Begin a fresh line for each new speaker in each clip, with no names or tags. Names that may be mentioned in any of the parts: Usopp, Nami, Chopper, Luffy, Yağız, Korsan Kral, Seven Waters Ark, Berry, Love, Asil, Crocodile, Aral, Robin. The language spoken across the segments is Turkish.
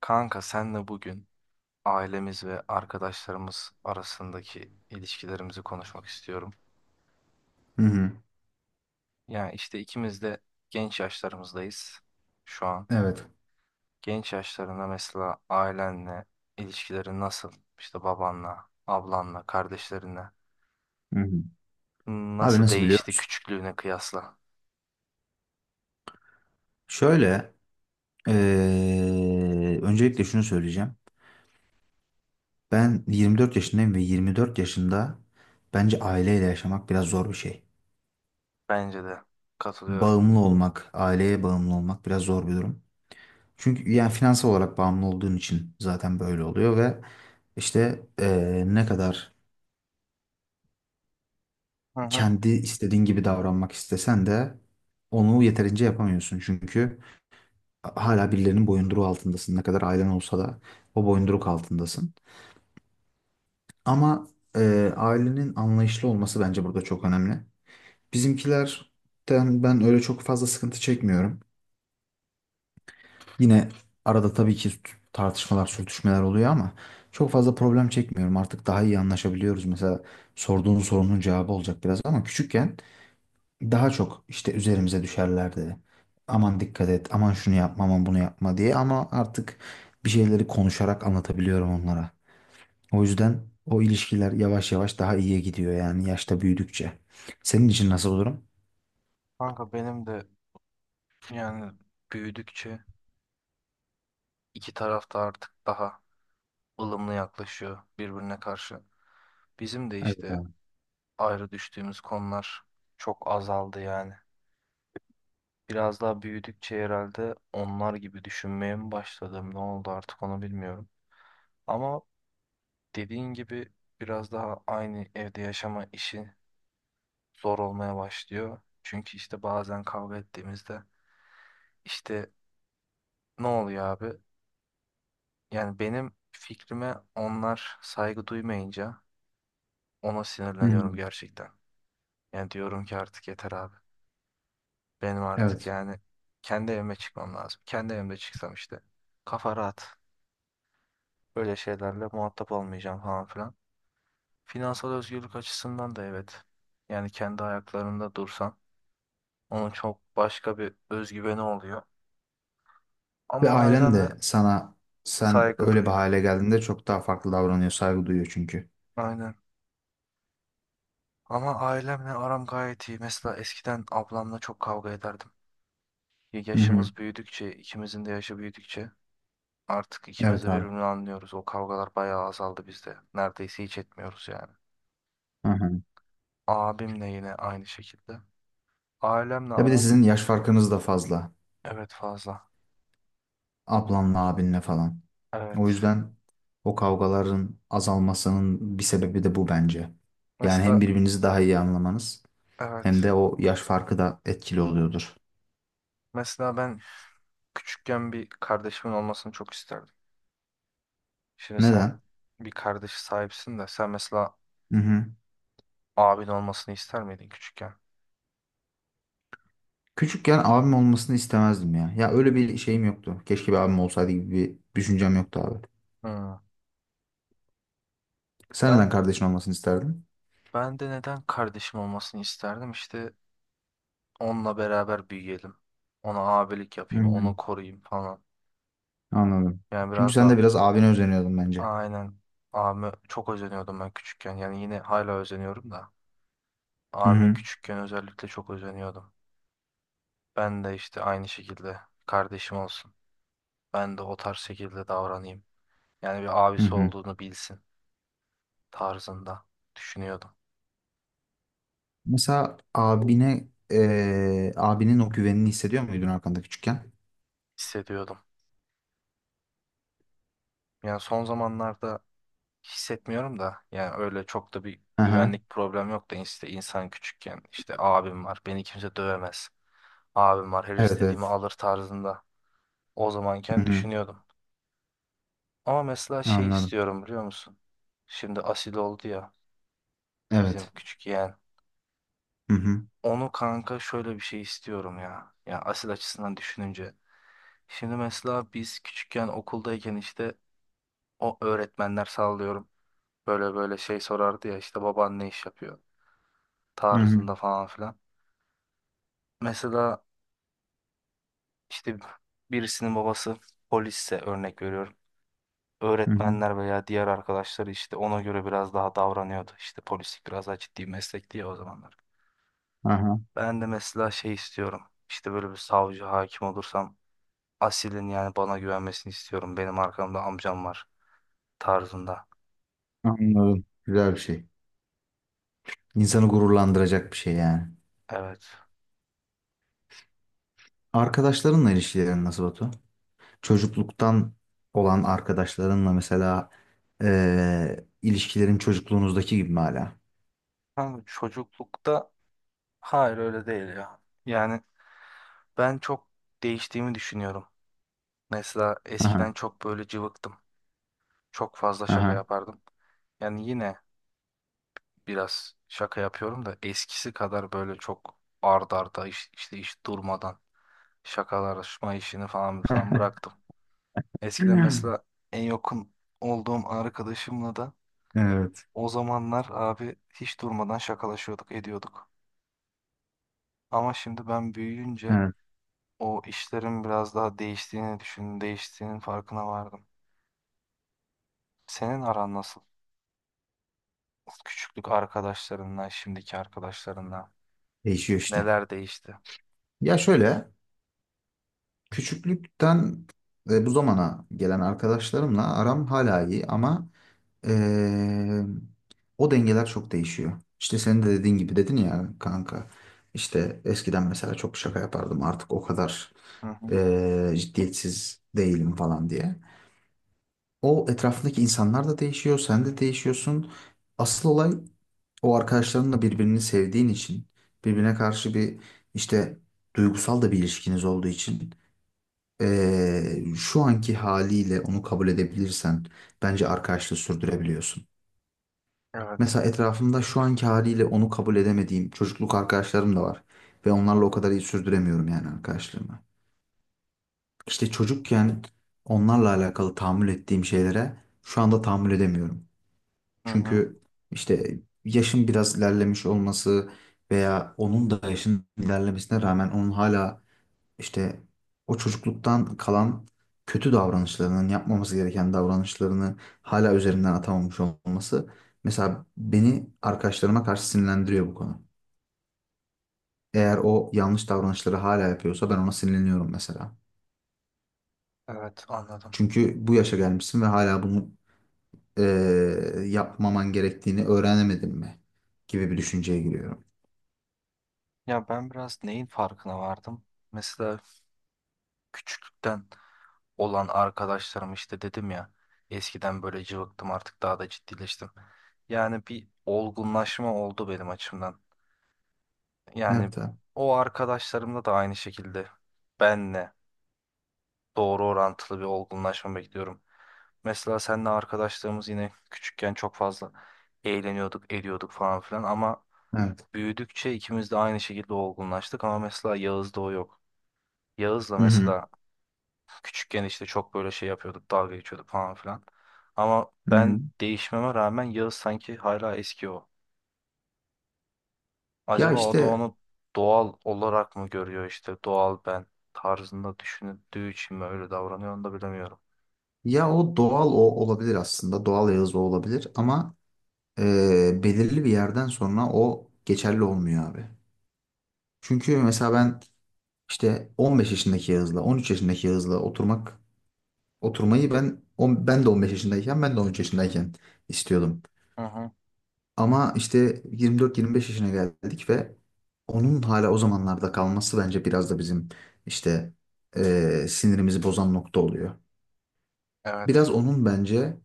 Kanka senle bugün ailemiz ve arkadaşlarımız arasındaki ilişkilerimizi konuşmak istiyorum.
Hı hı.
Yani işte ikimiz de genç yaşlarımızdayız şu an.
Evet.
Genç yaşlarında mesela ailenle ilişkilerin nasıl? İşte babanla, ablanla, kardeşlerinle
Hı hı. Abi
nasıl
nasıl biliyor
değişti
musun?
küçüklüğüne kıyasla?
Şöyle, öncelikle şunu söyleyeceğim. Ben 24 yaşındayım ve 24 yaşında bence aileyle yaşamak biraz zor bir şey.
Bence de katılıyorum.
Bağımlı olmak, aileye bağımlı olmak biraz zor bir durum. Çünkü yani finansal olarak bağımlı olduğun için zaten böyle oluyor ve işte ne kadar
Hı hı.
kendi istediğin gibi davranmak istesen de onu yeterince yapamıyorsun. Çünkü hala birilerinin boyunduruğu altındasın. Ne kadar ailen olsa da o boyunduruk altındasın. Ama ailenin anlayışlı olması bence burada çok önemli. Bizimkilerden ben öyle çok fazla sıkıntı çekmiyorum. Yine arada tabii ki tartışmalar, sürtüşmeler oluyor ama çok fazla problem çekmiyorum. Artık daha iyi anlaşabiliyoruz. Mesela sorduğun sorunun cevabı olacak biraz ama küçükken daha çok işte üzerimize düşerlerdi. Aman dikkat et, aman şunu yapma, aman bunu yapma diye ama artık bir şeyleri konuşarak anlatabiliyorum onlara. O yüzden o ilişkiler yavaş yavaş daha iyiye gidiyor yani yaşta büyüdükçe. Senin için nasıl olurum?
Kanka benim de yani büyüdükçe iki taraf da artık daha ılımlı yaklaşıyor birbirine karşı. Bizim de
Evet
işte
abi.
ayrı düştüğümüz konular çok azaldı yani. Biraz daha büyüdükçe herhalde onlar gibi düşünmeye mi başladım, ne oldu artık onu bilmiyorum. Ama dediğin gibi biraz daha aynı evde yaşama işi zor olmaya başlıyor. Çünkü işte bazen kavga ettiğimizde işte ne oluyor abi? Yani benim fikrime onlar saygı duymayınca ona
Hı hı.
sinirleniyorum gerçekten. Yani diyorum ki artık yeter abi. Benim artık
Evet.
yani kendi evime çıkmam lazım. Kendi evimde çıksam işte kafa rahat. Böyle şeylerle muhatap olmayacağım falan filan. Finansal özgürlük açısından da evet. Yani kendi ayaklarında dursan onun çok başka bir özgüveni oluyor.
Ve
Ama
ailen
ailemle
de sana sen
saygı
öyle bir
duyuyor.
hale geldiğinde çok daha farklı davranıyor, saygı duyuyor çünkü.
Aynen. Ama ailemle aram gayet iyi. Mesela eskiden ablamla çok kavga ederdim.
Hı hı.
Yaşımız büyüdükçe, ikimizin de yaşı büyüdükçe artık ikimiz
Evet
de
abi.
birbirini anlıyoruz. O kavgalar bayağı azaldı bizde. Neredeyse hiç etmiyoruz yani.
Hı hı.
Abimle yine aynı şekilde. Ailemle
Ya bir de
aram
sizin yaş farkınız da fazla.
evet fazla.
Ablanla abinle falan. O
Evet.
yüzden o kavgaların azalmasının bir sebebi de bu bence. Yani hem
Mesela
birbirinizi daha iyi anlamanız hem
evet.
de o yaş farkı da etkili oluyordur.
Mesela ben küçükken bir kardeşimin olmasını çok isterdim. Şimdi sen
Neden?
bir kardeş sahipsin de sen mesela
Hı hı.
abin olmasını ister miydin küçükken?
Küçükken abim olmasını istemezdim ya. Ya öyle bir şeyim yoktu. Keşke bir abim olsaydı gibi bir düşüncem yoktu abi.
Hmm.
Sen neden
Ben
kardeşin olmasını isterdin?
ben de neden kardeşim olmasını isterdim? İşte onunla beraber büyüyelim. Ona abilik
Hı
yapayım,
hı.
onu koruyayım falan.
Anladım.
Yani
Çünkü
biraz
sen de
da
biraz abine özeniyordun bence.
aynen abime çok özeniyordum ben küçükken. Yani yine hala özeniyorum da.
Hı
Abime
hı.
küçükken özellikle çok özeniyordum. Ben de işte aynı şekilde kardeşim olsun. Ben de o tarz şekilde davranayım. Yani bir
Hı
abisi
hı.
olduğunu bilsin tarzında düşünüyordum,
Mesela abine, abinin o güvenini hissediyor muydun arkanda küçükken?
hissediyordum. Yani son zamanlarda hissetmiyorum da yani öyle çok da bir
Aha.
güvenlik problem yok da işte insan küçükken işte abim var beni kimse dövemez. Abim var her
Evet,
istediğimi
evet.
alır tarzında o
Hı
zamanken
hı.
düşünüyordum. Ama mesela şey
Anladım.
istiyorum biliyor musun? Şimdi asil oldu ya bizim
Evet.
küçük yeğen.
Hı hı.
Onu kanka şöyle bir şey istiyorum ya. Ya asil açısından düşününce. Şimdi mesela biz küçükken okuldayken işte o öğretmenler sallıyorum. Böyle böyle şey sorardı ya işte baban ne iş yapıyor
Hı hı.
tarzında falan filan. Mesela işte birisinin babası polisse örnek veriyorum.
Hı hı.
Öğretmenler veya diğer arkadaşları işte ona göre biraz daha davranıyordu. İşte polislik biraz daha ciddi bir meslek diye o zamanlar.
Aha.
Ben de mesela şey istiyorum. İşte böyle bir savcı hakim olursam Asil'in yani bana güvenmesini istiyorum. Benim arkamda amcam var tarzında.
Anladım. Güzel bir şey. İnsanı gururlandıracak bir şey yani.
Evet.
Arkadaşlarınla ilişkilerin nasıl Batu? Çocukluktan olan arkadaşlarınla mesela ilişkilerin çocukluğunuzdaki gibi mi hala?
Ama çocuklukta hayır öyle değil ya. Yani ben çok değiştiğimi düşünüyorum. Mesela
Aha.
eskiden çok böyle cıvıktım. Çok fazla şaka
Aha.
yapardım. Yani yine biraz şaka yapıyorum da eskisi kadar böyle çok ard arda işte iş durmadan şakalaşma işini falan falan bıraktım. Eskiden mesela en yakın olduğum arkadaşımla da
Evet.
o zamanlar abi hiç durmadan şakalaşıyorduk, ediyorduk. Ama şimdi ben büyüyünce
Evet.
o işlerin biraz daha değiştiğini düşündüm, değiştiğinin farkına vardım. Senin aran nasıl? Küçüklük arkadaşlarınla, şimdiki arkadaşlarınla
Değişiyor işte.
neler değişti?
Ya şöyle, küçüklükten ve bu zamana gelen arkadaşlarımla aram hala iyi ama eee, o dengeler çok değişiyor. İşte senin de dediğin gibi dedin ya kanka. İşte eskiden mesela çok şaka yapardım artık o kadar
Hı hı.
ciddiyetsiz değilim falan diye. O etrafındaki insanlar da değişiyor, sen de değişiyorsun. Asıl olay o arkadaşların da birbirini sevdiğin için, birbirine karşı bir işte duygusal da bir ilişkiniz olduğu için. Şu anki haliyle onu kabul edebilirsen bence arkadaşlığı sürdürebiliyorsun.
Evet.
Mesela etrafımda şu anki haliyle onu kabul edemediğim çocukluk arkadaşlarım da var. Ve onlarla o kadar iyi sürdüremiyorum yani arkadaşlığımı. İşte çocukken onlarla alakalı tahammül ettiğim şeylere şu anda tahammül edemiyorum.
Hı hı.
Çünkü işte yaşım biraz ilerlemiş olması veya onun da yaşın ilerlemesine rağmen onun hala, İşte o çocukluktan kalan kötü davranışlarının yapmaması gereken davranışlarını hala üzerinden atamamış olması mesela beni arkadaşlarıma karşı sinirlendiriyor bu konu. Eğer o yanlış davranışları hala yapıyorsa ben ona sinirleniyorum mesela.
Evet, anladım.
Çünkü bu yaşa gelmişsin ve hala bunu yapmaman gerektiğini öğrenemedin mi gibi bir düşünceye giriyorum.
Ya ben biraz neyin farkına vardım? Mesela küçüklükten olan arkadaşlarım işte dedim ya eskiden böyle cıvıktım artık daha da ciddileştim. Yani bir olgunlaşma oldu benim açımdan. Yani
Evet abi.
o arkadaşlarımla da aynı şekilde benle doğru orantılı bir olgunlaşma bekliyorum. Mesela seninle arkadaşlarımız yine küçükken çok fazla eğleniyorduk, ediyorduk falan filan ama
Evet.
büyüdükçe ikimiz de aynı şekilde olgunlaştık ama mesela Yağız'da o yok. Yağız'la
Hı hı.
mesela küçükken işte çok böyle şey yapıyorduk, dalga geçiyorduk falan filan. Ama
Hı hı.
ben değişmeme rağmen Yağız sanki hala eski o.
Ya
Acaba o da
işte
onu doğal olarak mı görüyor işte doğal ben tarzında düşündüğü için mi öyle davranıyor onu da bilemiyorum.
ya o doğal o olabilir aslında. Doğal Yağız o olabilir ama belirli bir yerden sonra o geçerli olmuyor abi. Çünkü mesela ben işte 15 yaşındaki Yağız'la 13 yaşındaki Yağız'la oturmayı ben de 15 yaşındayken ben de 13 yaşındayken istiyordum.
Hı hı,
Ama işte 24-25 yaşına geldik ve onun hala o zamanlarda kalması bence biraz da bizim işte sinirimizi bozan nokta oluyor. Biraz
evet.
onun bence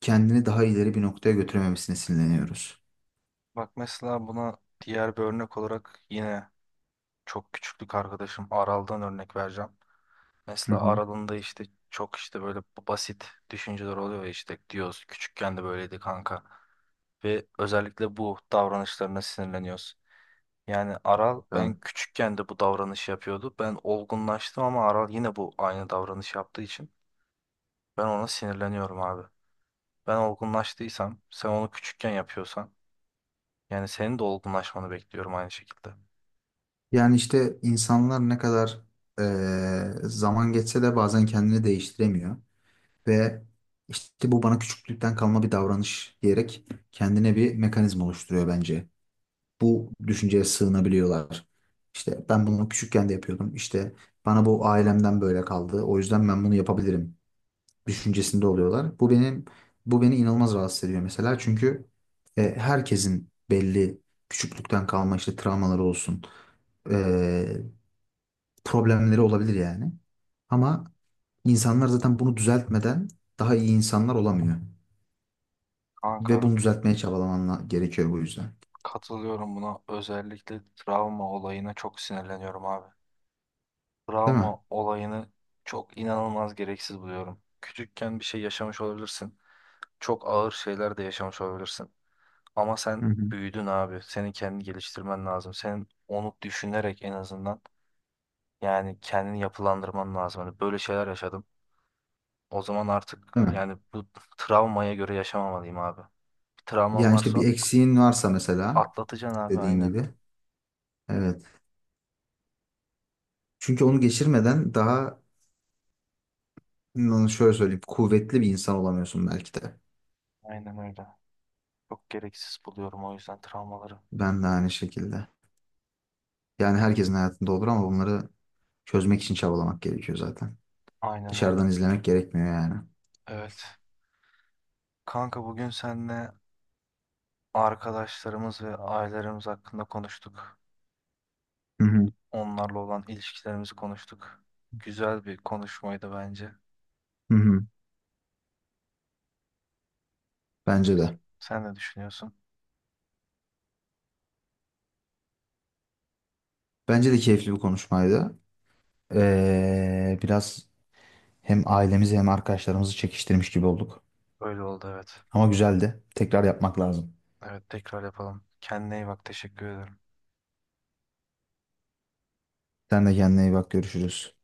kendini daha ileri bir noktaya götürememesine sinirleniyoruz.
Bak mesela buna diğer bir örnek olarak yine çok küçüklük arkadaşım Aral'dan örnek vereceğim. Mesela
Hı
Aral'ın da işte çok işte böyle basit düşünceler oluyor ya işte diyoruz küçükken de böyleydi kanka. Ve özellikle bu davranışlarına sinirleniyoruz. Yani Aral
hı.
ben küçükken de bu davranışı yapıyordu. Ben olgunlaştım ama Aral yine bu aynı davranış yaptığı için ben ona sinirleniyorum abi. Ben olgunlaştıysam sen onu küçükken yapıyorsan yani senin de olgunlaşmanı bekliyorum aynı şekilde.
Yani işte insanlar ne kadar zaman geçse de bazen kendini değiştiremiyor ve işte bu bana küçüklükten kalma bir davranış diyerek kendine bir mekanizma oluşturuyor bence. Bu düşünceye sığınabiliyorlar. İşte ben bunu küçükken de yapıyordum. İşte bana bu ailemden böyle kaldı. O yüzden ben bunu yapabilirim düşüncesinde oluyorlar. Bu beni inanılmaz rahatsız ediyor mesela. Çünkü herkesin belli küçüklükten kalma işte travmaları olsun problemleri olabilir yani. Ama insanlar zaten bunu düzeltmeden daha iyi insanlar olamıyor.
Kanka
Ve bunu düzeltmeye gerekiyor bu yüzden.
katılıyorum buna. Özellikle travma olayına çok sinirleniyorum abi.
Değil
Travma
mi?
olayını çok inanılmaz gereksiz buluyorum. Küçükken bir şey yaşamış olabilirsin. Çok ağır şeyler de yaşamış olabilirsin. Ama
Hı
sen
hı.
büyüdün abi. Senin kendini geliştirmen lazım. Senin onu düşünerek en azından yani kendini yapılandırman lazım. Hani böyle şeyler yaşadım. O zaman artık
Değil mi?
yani bu travmaya göre yaşamamalıyım abi. Bir travman
Yani işte
varsa
bir eksiğin varsa mesela
atlatacaksın abi
dediğin
aynen.
gibi. Evet. Çünkü onu geçirmeden daha şöyle söyleyeyim kuvvetli bir insan olamıyorsun belki de.
Aynen öyle. Çok gereksiz buluyorum o yüzden travmaları.
Ben de aynı şekilde. Yani herkesin hayatında olur ama bunları çözmek için çabalamak gerekiyor zaten.
Aynen öyle.
Dışarıdan izlemek gerekmiyor yani.
Evet. Kanka bugün seninle arkadaşlarımız ve ailelerimiz hakkında konuştuk.
Hı hı.
Onlarla olan ilişkilerimizi konuştuk. Güzel bir konuşmaydı bence.
Hı hı. Bence de.
Sen ne düşünüyorsun?
Bence de keyifli bir konuşmaydı. Biraz hem ailemizi hem arkadaşlarımızı çekiştirmiş gibi olduk.
Öyle oldu evet.
Ama güzeldi. Tekrar yapmak lazım.
Evet tekrar yapalım. Kendine iyi bak. Teşekkür ederim.
Sen de kendine iyi bak. Görüşürüz.